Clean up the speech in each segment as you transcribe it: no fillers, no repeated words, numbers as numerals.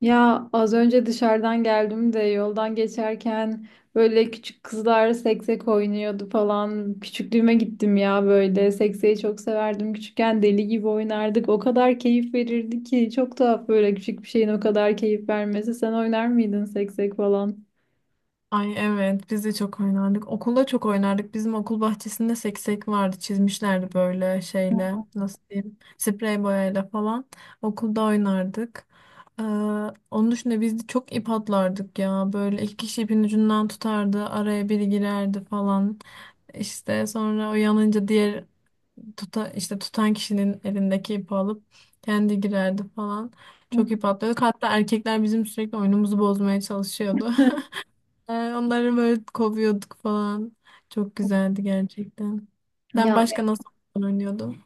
Ya az önce dışarıdan geldim de yoldan geçerken böyle küçük kızlar seksek oynuyordu falan. Küçüklüğüme gittim ya böyle. Sekseyi çok severdim. Küçükken deli gibi oynardık. O kadar keyif verirdi ki. Çok tuhaf böyle küçük bir şeyin o kadar keyif vermesi. Sen oynar mıydın seksek falan? Ay evet biz de çok oynardık. Okulda çok oynardık. Bizim okul bahçesinde seksek vardı. Çizmişlerdi böyle şeyle nasıl diyeyim sprey boyayla falan. Okulda oynardık. Ee, onun dışında biz de çok ip atlardık ya. Böyle iki kişi ipin ucundan tutardı. Araya biri girerdi falan. İşte sonra uyanınca diğer işte tutan kişinin elindeki ipi alıp kendi girerdi falan. Çok ip atlıyorduk. Hatta erkekler bizim sürekli oyunumuzu bozmaya çalışıyordu. Yani onları böyle kovuyorduk falan. Çok güzeldi gerçekten. Sen Ya başka nasıl oyun oynuyordun?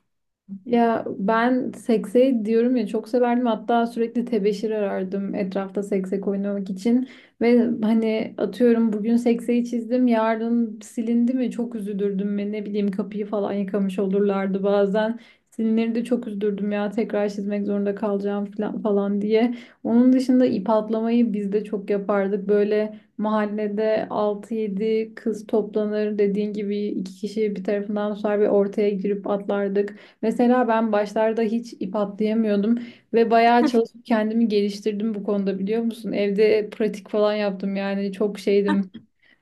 Ya ben sekseyi diyorum ya, çok severdim, hatta sürekli tebeşir arardım etrafta seksek oynamak için. Ve hani, atıyorum, bugün sekseyi çizdim, yarın silindi mi çok üzülürdüm. Ve ne bileyim, kapıyı falan yıkamış olurlardı bazen, silinleri de çok üzülürdüm ya, tekrar çizmek zorunda kalacağım falan diye. Onun dışında ip atlamayı biz de çok yapardık. Böyle mahallede altı yedi kız toplanır, dediğin gibi iki kişi bir tarafından tutar ve ortaya girip atlardık. Mesela ben başlarda hiç ip atlayamıyordum ve bayağı çalışıp kendimi geliştirdim bu konuda, biliyor musun? Evde pratik falan yaptım, yani çok şeydim.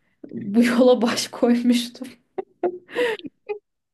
Bu yola baş koymuştum.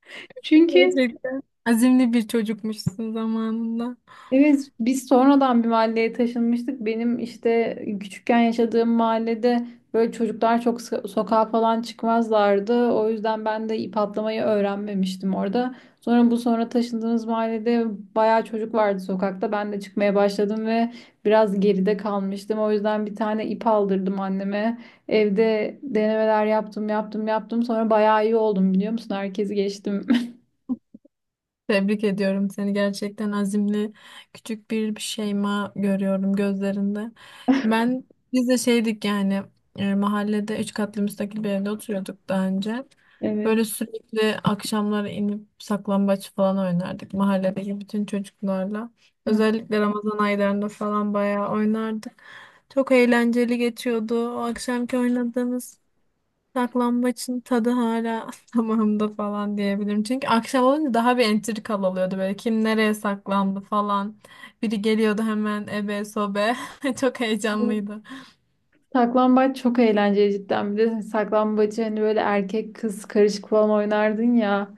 Çünkü Gerçekten. Azimli bir çocukmuşsun zamanında. evet, biz sonradan bir mahalleye taşınmıştık. Benim işte küçükken yaşadığım mahallede böyle çocuklar çok sokağa falan çıkmazlardı. O yüzden ben de ip atlamayı öğrenmemiştim orada. Sonra taşındığımız mahallede bayağı çocuk vardı sokakta. Ben de çıkmaya başladım ve biraz geride kalmıştım. O yüzden bir tane ip aldırdım anneme. Evde denemeler yaptım, yaptım, yaptım. Sonra bayağı iyi oldum, biliyor musun? Herkesi geçtim. Tebrik ediyorum seni gerçekten azimli küçük bir şeyma görüyorum gözlerinde. Ben biz de şeydik yani mahallede üç katlı müstakil bir evde oturuyorduk daha önce. Evet. Böyle sürekli akşamları inip saklambaç falan oynardık mahalledeki bütün çocuklarla. Özellikle Ramazan aylarında falan bayağı oynardık. Çok eğlenceli geçiyordu o akşamki oynadığımız. Saklambaçın tadı hala damağımda falan diyebilirim. Çünkü akşam olunca daha bir entrikalı oluyordu böyle. Kim nereye saklandı falan. Biri geliyordu hemen ebe sobe. Çok Hı. heyecanlıydı. Saklambaç çok eğlenceli cidden. Bir de saklambacı hani böyle erkek kız karışık falan oynardın ya.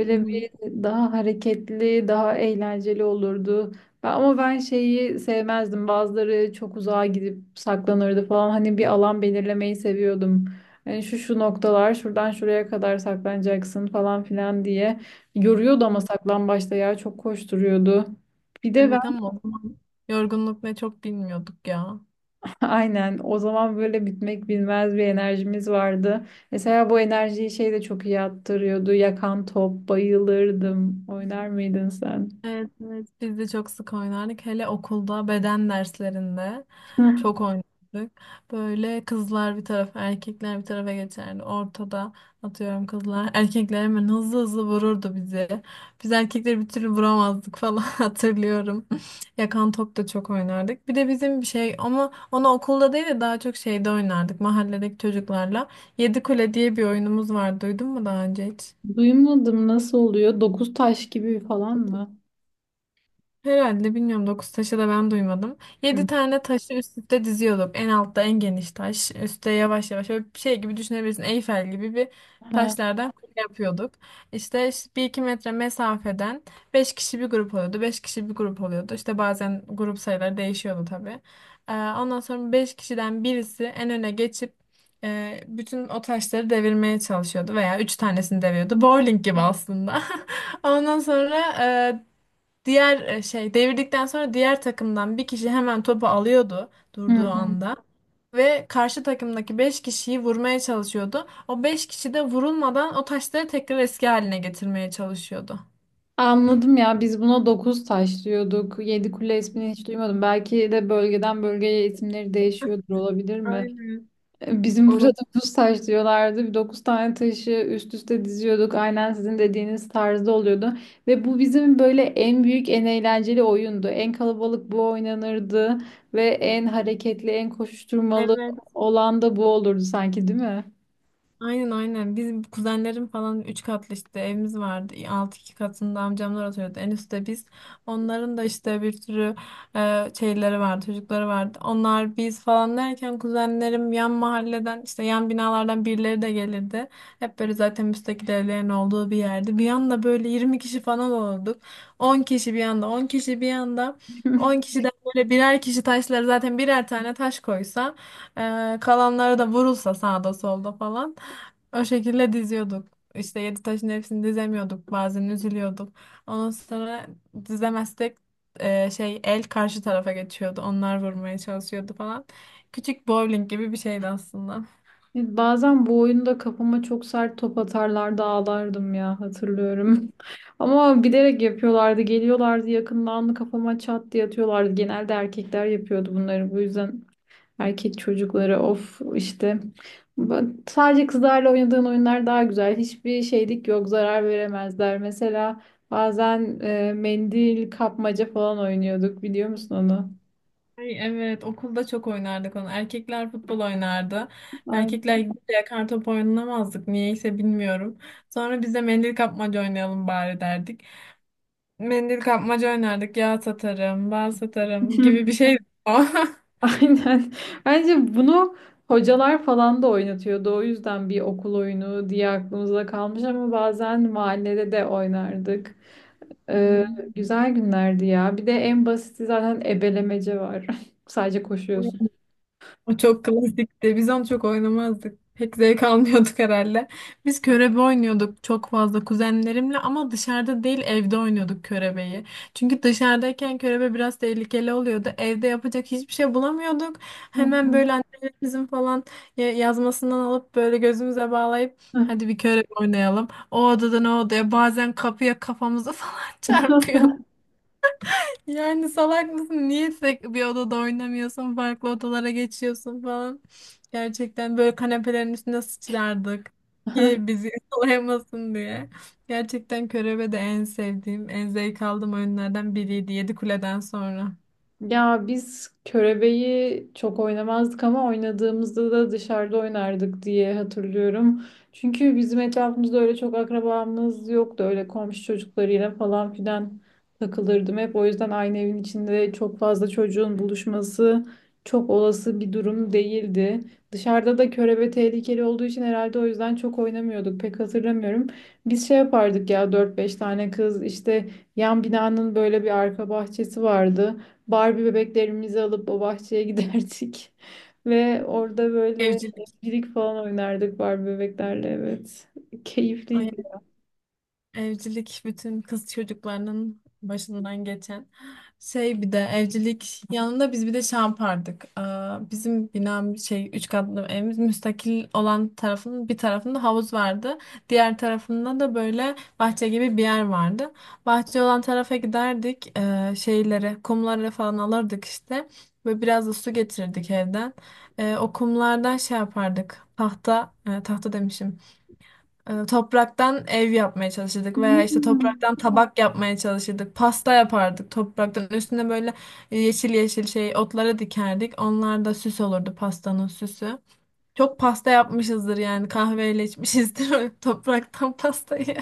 Hı hı. bir daha hareketli, daha eğlenceli olurdu. Ama ben şeyi sevmezdim. Bazıları çok uzağa gidip saklanırdı falan. Hani bir alan belirlemeyi seviyordum. Hani şu şu noktalar, şuradan şuraya kadar saklanacaksın falan filan diye. Yoruyordu ama saklambaçta ya, çok koşturuyordu. Bir de Evet ama o zaman yorgunluk ne çok bilmiyorduk ya. Aynen. O zaman böyle bitmek bilmez bir enerjimiz vardı. Mesela bu enerjiyi şey de çok iyi attırıyordu. Yakan top, bayılırdım. Oynar mıydın sen? Evet, evet. Biz de çok sık oynardık. Hele okulda beden derslerinde Heh. çok oynardık. Böyle kızlar bir tarafa, erkekler bir tarafa geçerdi. Ortada atıyorum kızlar. Erkekler hemen hızlı hızlı vururdu bizi. Biz erkekleri bir türlü vuramazdık falan hatırlıyorum. Yakan top da çok oynardık. Bir de bizim bir şey ama onu okulda değil de daha çok şeyde oynardık. Mahalledeki çocuklarla. Yedi Kule diye bir oyunumuz vardı. Duydun mu daha önce hiç? Duymadım, nasıl oluyor? Dokuz taş gibi falan mı? Herhalde bilmiyorum 9 taşı da ben duymadım. Yedi Hı. tane taşı üst üste diziyorduk. En altta en geniş taş. Üste yavaş yavaş böyle bir şey gibi düşünebilirsin. Eyfel gibi bir Ha. taşlardan kule yapıyorduk. İşte, 1-2 metre mesafeden 5 kişi bir grup oluyordu. 5 kişi bir grup oluyordu. İşte bazen grup sayıları değişiyordu tabii. Ondan sonra 5 kişiden birisi en öne geçip bütün o taşları devirmeye çalışıyordu veya 3 tanesini deviriyordu. Bowling gibi aslında. Ondan sonra diğer devirdikten sonra diğer takımdan bir kişi hemen topu alıyordu Hı durduğu hı. anda ve karşı takımdaki 5 kişiyi vurmaya çalışıyordu. O 5 kişi de vurulmadan o taşları tekrar eski haline getirmeye çalışıyordu. Anladım ya, biz buna dokuz taş diyorduk. Yedi kule ismini hiç duymadım. Belki de bölgeden bölgeye isimleri değişiyordur, olabilir mi? Aynen. Bizim burada Olur. dokuz taş diyorlardı. Bir dokuz tane taşı üst üste diziyorduk. Aynen sizin dediğiniz tarzda oluyordu. Ve bu bizim böyle en büyük, en eğlenceli oyundu. En kalabalık bu oynanırdı. Ve en hareketli, en koşuşturmalı Evet. olan da bu olurdu sanki, değil mi? Aynen, aynen. Bizim kuzenlerim falan 3 katlı işte evimiz vardı. Alt iki katında amcamlar oturuyordu. En üstte biz. Onların da işte bir sürü şeyleri vardı, çocukları vardı. Onlar biz falan derken kuzenlerim yan mahalleden işte yan binalardan birileri de gelirdi. Hep böyle zaten müstakil evlerin olduğu bir yerdi. Bir anda böyle 20 kişi falan olduk. 10 kişi bir anda, 10 kişi bir anda. on kişiden böyle birer kişi taşları zaten birer tane taş koysa, kalanları da vurulsa sağda solda falan. O şekilde diziyorduk. İşte yedi taşın hepsini dizemiyorduk. Bazen üzülüyorduk. Ondan sonra dizemezsek el karşı tarafa geçiyordu. Onlar vurmaya çalışıyordu falan. Küçük bowling gibi bir şeydi aslında. Bazen bu oyunda kafama çok sert top atarlardı, ağlardım ya, hatırlıyorum. Ama bilerek yapıyorlardı. Geliyorlardı yakından, kafama çat diye atıyorlardı. Genelde erkekler yapıyordu bunları, bu yüzden. Erkek çocukları, of işte. Sadece kızlarla oynadığın oyunlar daha güzel. Hiçbir şeylik yok, zarar veremezler. Mesela bazen mendil kapmaca falan oynuyorduk, biliyor musun onu? Ay, evet okulda çok oynardık onu. Erkekler futbol oynardı. Aynen. Erkekler gidince yakar top oynamazdık. Niyeyse bilmiyorum. Sonra biz de mendil kapmaca oynayalım bari derdik. Mendil kapmaca oynardık. Yağ satarım, bal satarım gibi bir şeydi o. Aynen. Bence bunu hocalar falan da oynatıyordu. O yüzden bir okul oyunu diye aklımızda kalmış, ama bazen mahallede de oynardık. Ee, Hmm. Güzel günlerdi ya. Bir de en basiti zaten ebelemece var. Sadece koşuyorsun. O çok klasikti. Biz onu çok oynamazdık. Pek zevk almıyorduk herhalde. Biz körebe oynuyorduk çok fazla kuzenlerimle ama dışarıda değil evde oynuyorduk körebeyi. Çünkü dışarıdayken körebe biraz tehlikeli oluyordu. Evde yapacak hiçbir şey bulamıyorduk. Hı Hemen böyle annelerimizin falan yazmasından alıp böyle gözümüze bağlayıp hı. hadi bir körebe oynayalım. O odadan o odaya bazen kapıya kafamızı falan çarpıyorduk. Yani salak mısın? Niye tek bir odada oynamıyorsun? Farklı odalara geçiyorsun falan. Gerçekten böyle kanepelerin üstüne sıçrardık. Hı. Ki bizi yakalayamasın diye. Gerçekten körebe de en sevdiğim, en zevk aldığım oyunlardan biriydi. Yedi Kule'den sonra. Ya biz körebeyi çok oynamazdık, ama oynadığımızda da dışarıda oynardık diye hatırlıyorum. Çünkü bizim etrafımızda öyle çok akrabamız yoktu. Öyle komşu çocuklarıyla falan filan takılırdım hep. O yüzden aynı evin içinde çok fazla çocuğun buluşması çok olası bir durum değildi. Dışarıda da körebe tehlikeli olduğu için herhalde o yüzden çok oynamıyorduk. Pek hatırlamıyorum. Biz şey yapardık ya, dört beş tane kız işte, yan binanın böyle bir arka bahçesi vardı. Barbie bebeklerimizi alıp o bahçeye giderdik. Ve orada böyle Evcilik. evcilik falan oynardık Barbie bebeklerle, evet. Keyifliydi. Evcilik bütün kız çocuklarının başından geçen şey bir de evcilik yanında biz bir de şey yapardık. Aa, bizim binam şey üç katlı evimiz müstakil olan tarafının bir tarafında havuz vardı. Diğer tarafında da böyle bahçe gibi bir yer vardı. Bahçe olan tarafa giderdik. Şeyleri kumları falan alırdık işte. Ve biraz da su getirirdik evden. O kumlardan şey yapardık. Tahta e, tahta demişim e, topraktan ev yapmaya çalışırdık veya işte Hmm. topraktan tabak yapmaya çalışırdık. Pasta yapardık topraktan. Üstüne böyle yeşil yeşil şey otları dikerdik. Onlar da süs olurdu pastanın süsü. Çok pasta yapmışızdır yani kahveyle içmişizdir topraktan pastayı.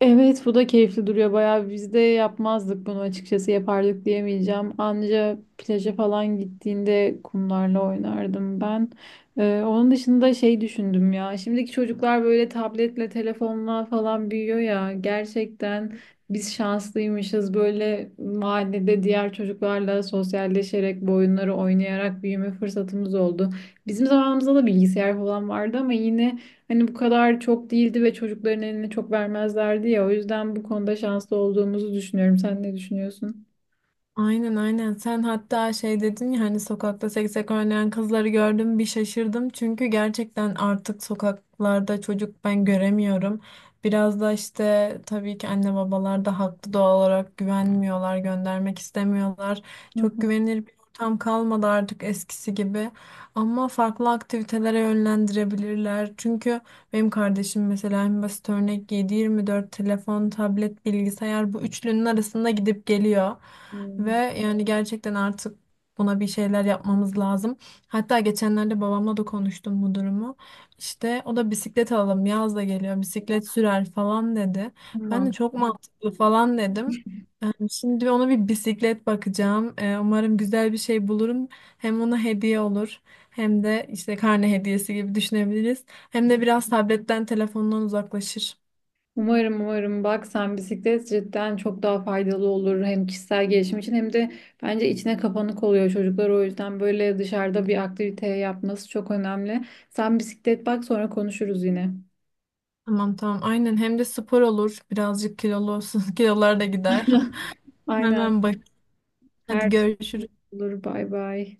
Evet, bu da keyifli duruyor bayağı. Biz de yapmazdık bunu açıkçası, yapardık diyemeyeceğim. Anca plaja falan gittiğinde kumlarla oynardım ben. Onun dışında şey düşündüm ya, şimdiki çocuklar böyle tabletle telefonla falan büyüyor ya, gerçekten biz şanslıymışız, böyle mahallede diğer çocuklarla sosyalleşerek, bu oyunları oynayarak büyüme fırsatımız oldu. Bizim zamanımızda da bilgisayar falan vardı ama yine, hani, bu kadar çok değildi ve çocukların eline çok vermezlerdi ya. O yüzden bu konuda şanslı olduğumuzu düşünüyorum. Sen ne düşünüyorsun? Aynen, aynen. Sen hatta şey dedin ya hani sokakta seksek oynayan kızları gördüm bir şaşırdım. Çünkü gerçekten artık sokaklarda çocuk ben göremiyorum. Biraz da işte tabii ki anne babalar da haklı doğal olarak güvenmiyorlar, göndermek istemiyorlar. Hı Çok hı. güvenilir bir ortam kalmadı artık eskisi gibi. Ama farklı aktivitelere yönlendirebilirler. Çünkü benim kardeşim mesela en basit örnek 7-24 telefon, tablet, bilgisayar bu üçlünün arasında gidip geliyor. Ve Hmm. yani gerçekten artık buna bir şeyler yapmamız lazım. Hatta geçenlerde babamla da konuştum bu durumu. İşte o da bisiklet alalım yaz da geliyor bisiklet sürer falan dedi. Ben de Tamam. çok mantıklı falan dedim. Şimdi ona bir bisiklet bakacağım. Umarım güzel bir şey bulurum. Hem ona hediye olur, hem de işte karne hediyesi gibi düşünebiliriz. Hem de biraz tabletten, telefondan uzaklaşır. Umarım umarım, bak sen bisiklet cidden çok daha faydalı olur, hem kişisel gelişim için, hem de bence içine kapanık oluyor çocuklar, o yüzden böyle dışarıda bir aktivite yapması çok önemli. Sen bisiklet bak, sonra konuşuruz yine. Tamam, tamam aynen hem de spor olur. Birazcık kilolu olsun. Kilolar da gider. Aynen, Hemen bak. Hadi her türlü görüşürüz. olur, bay bay.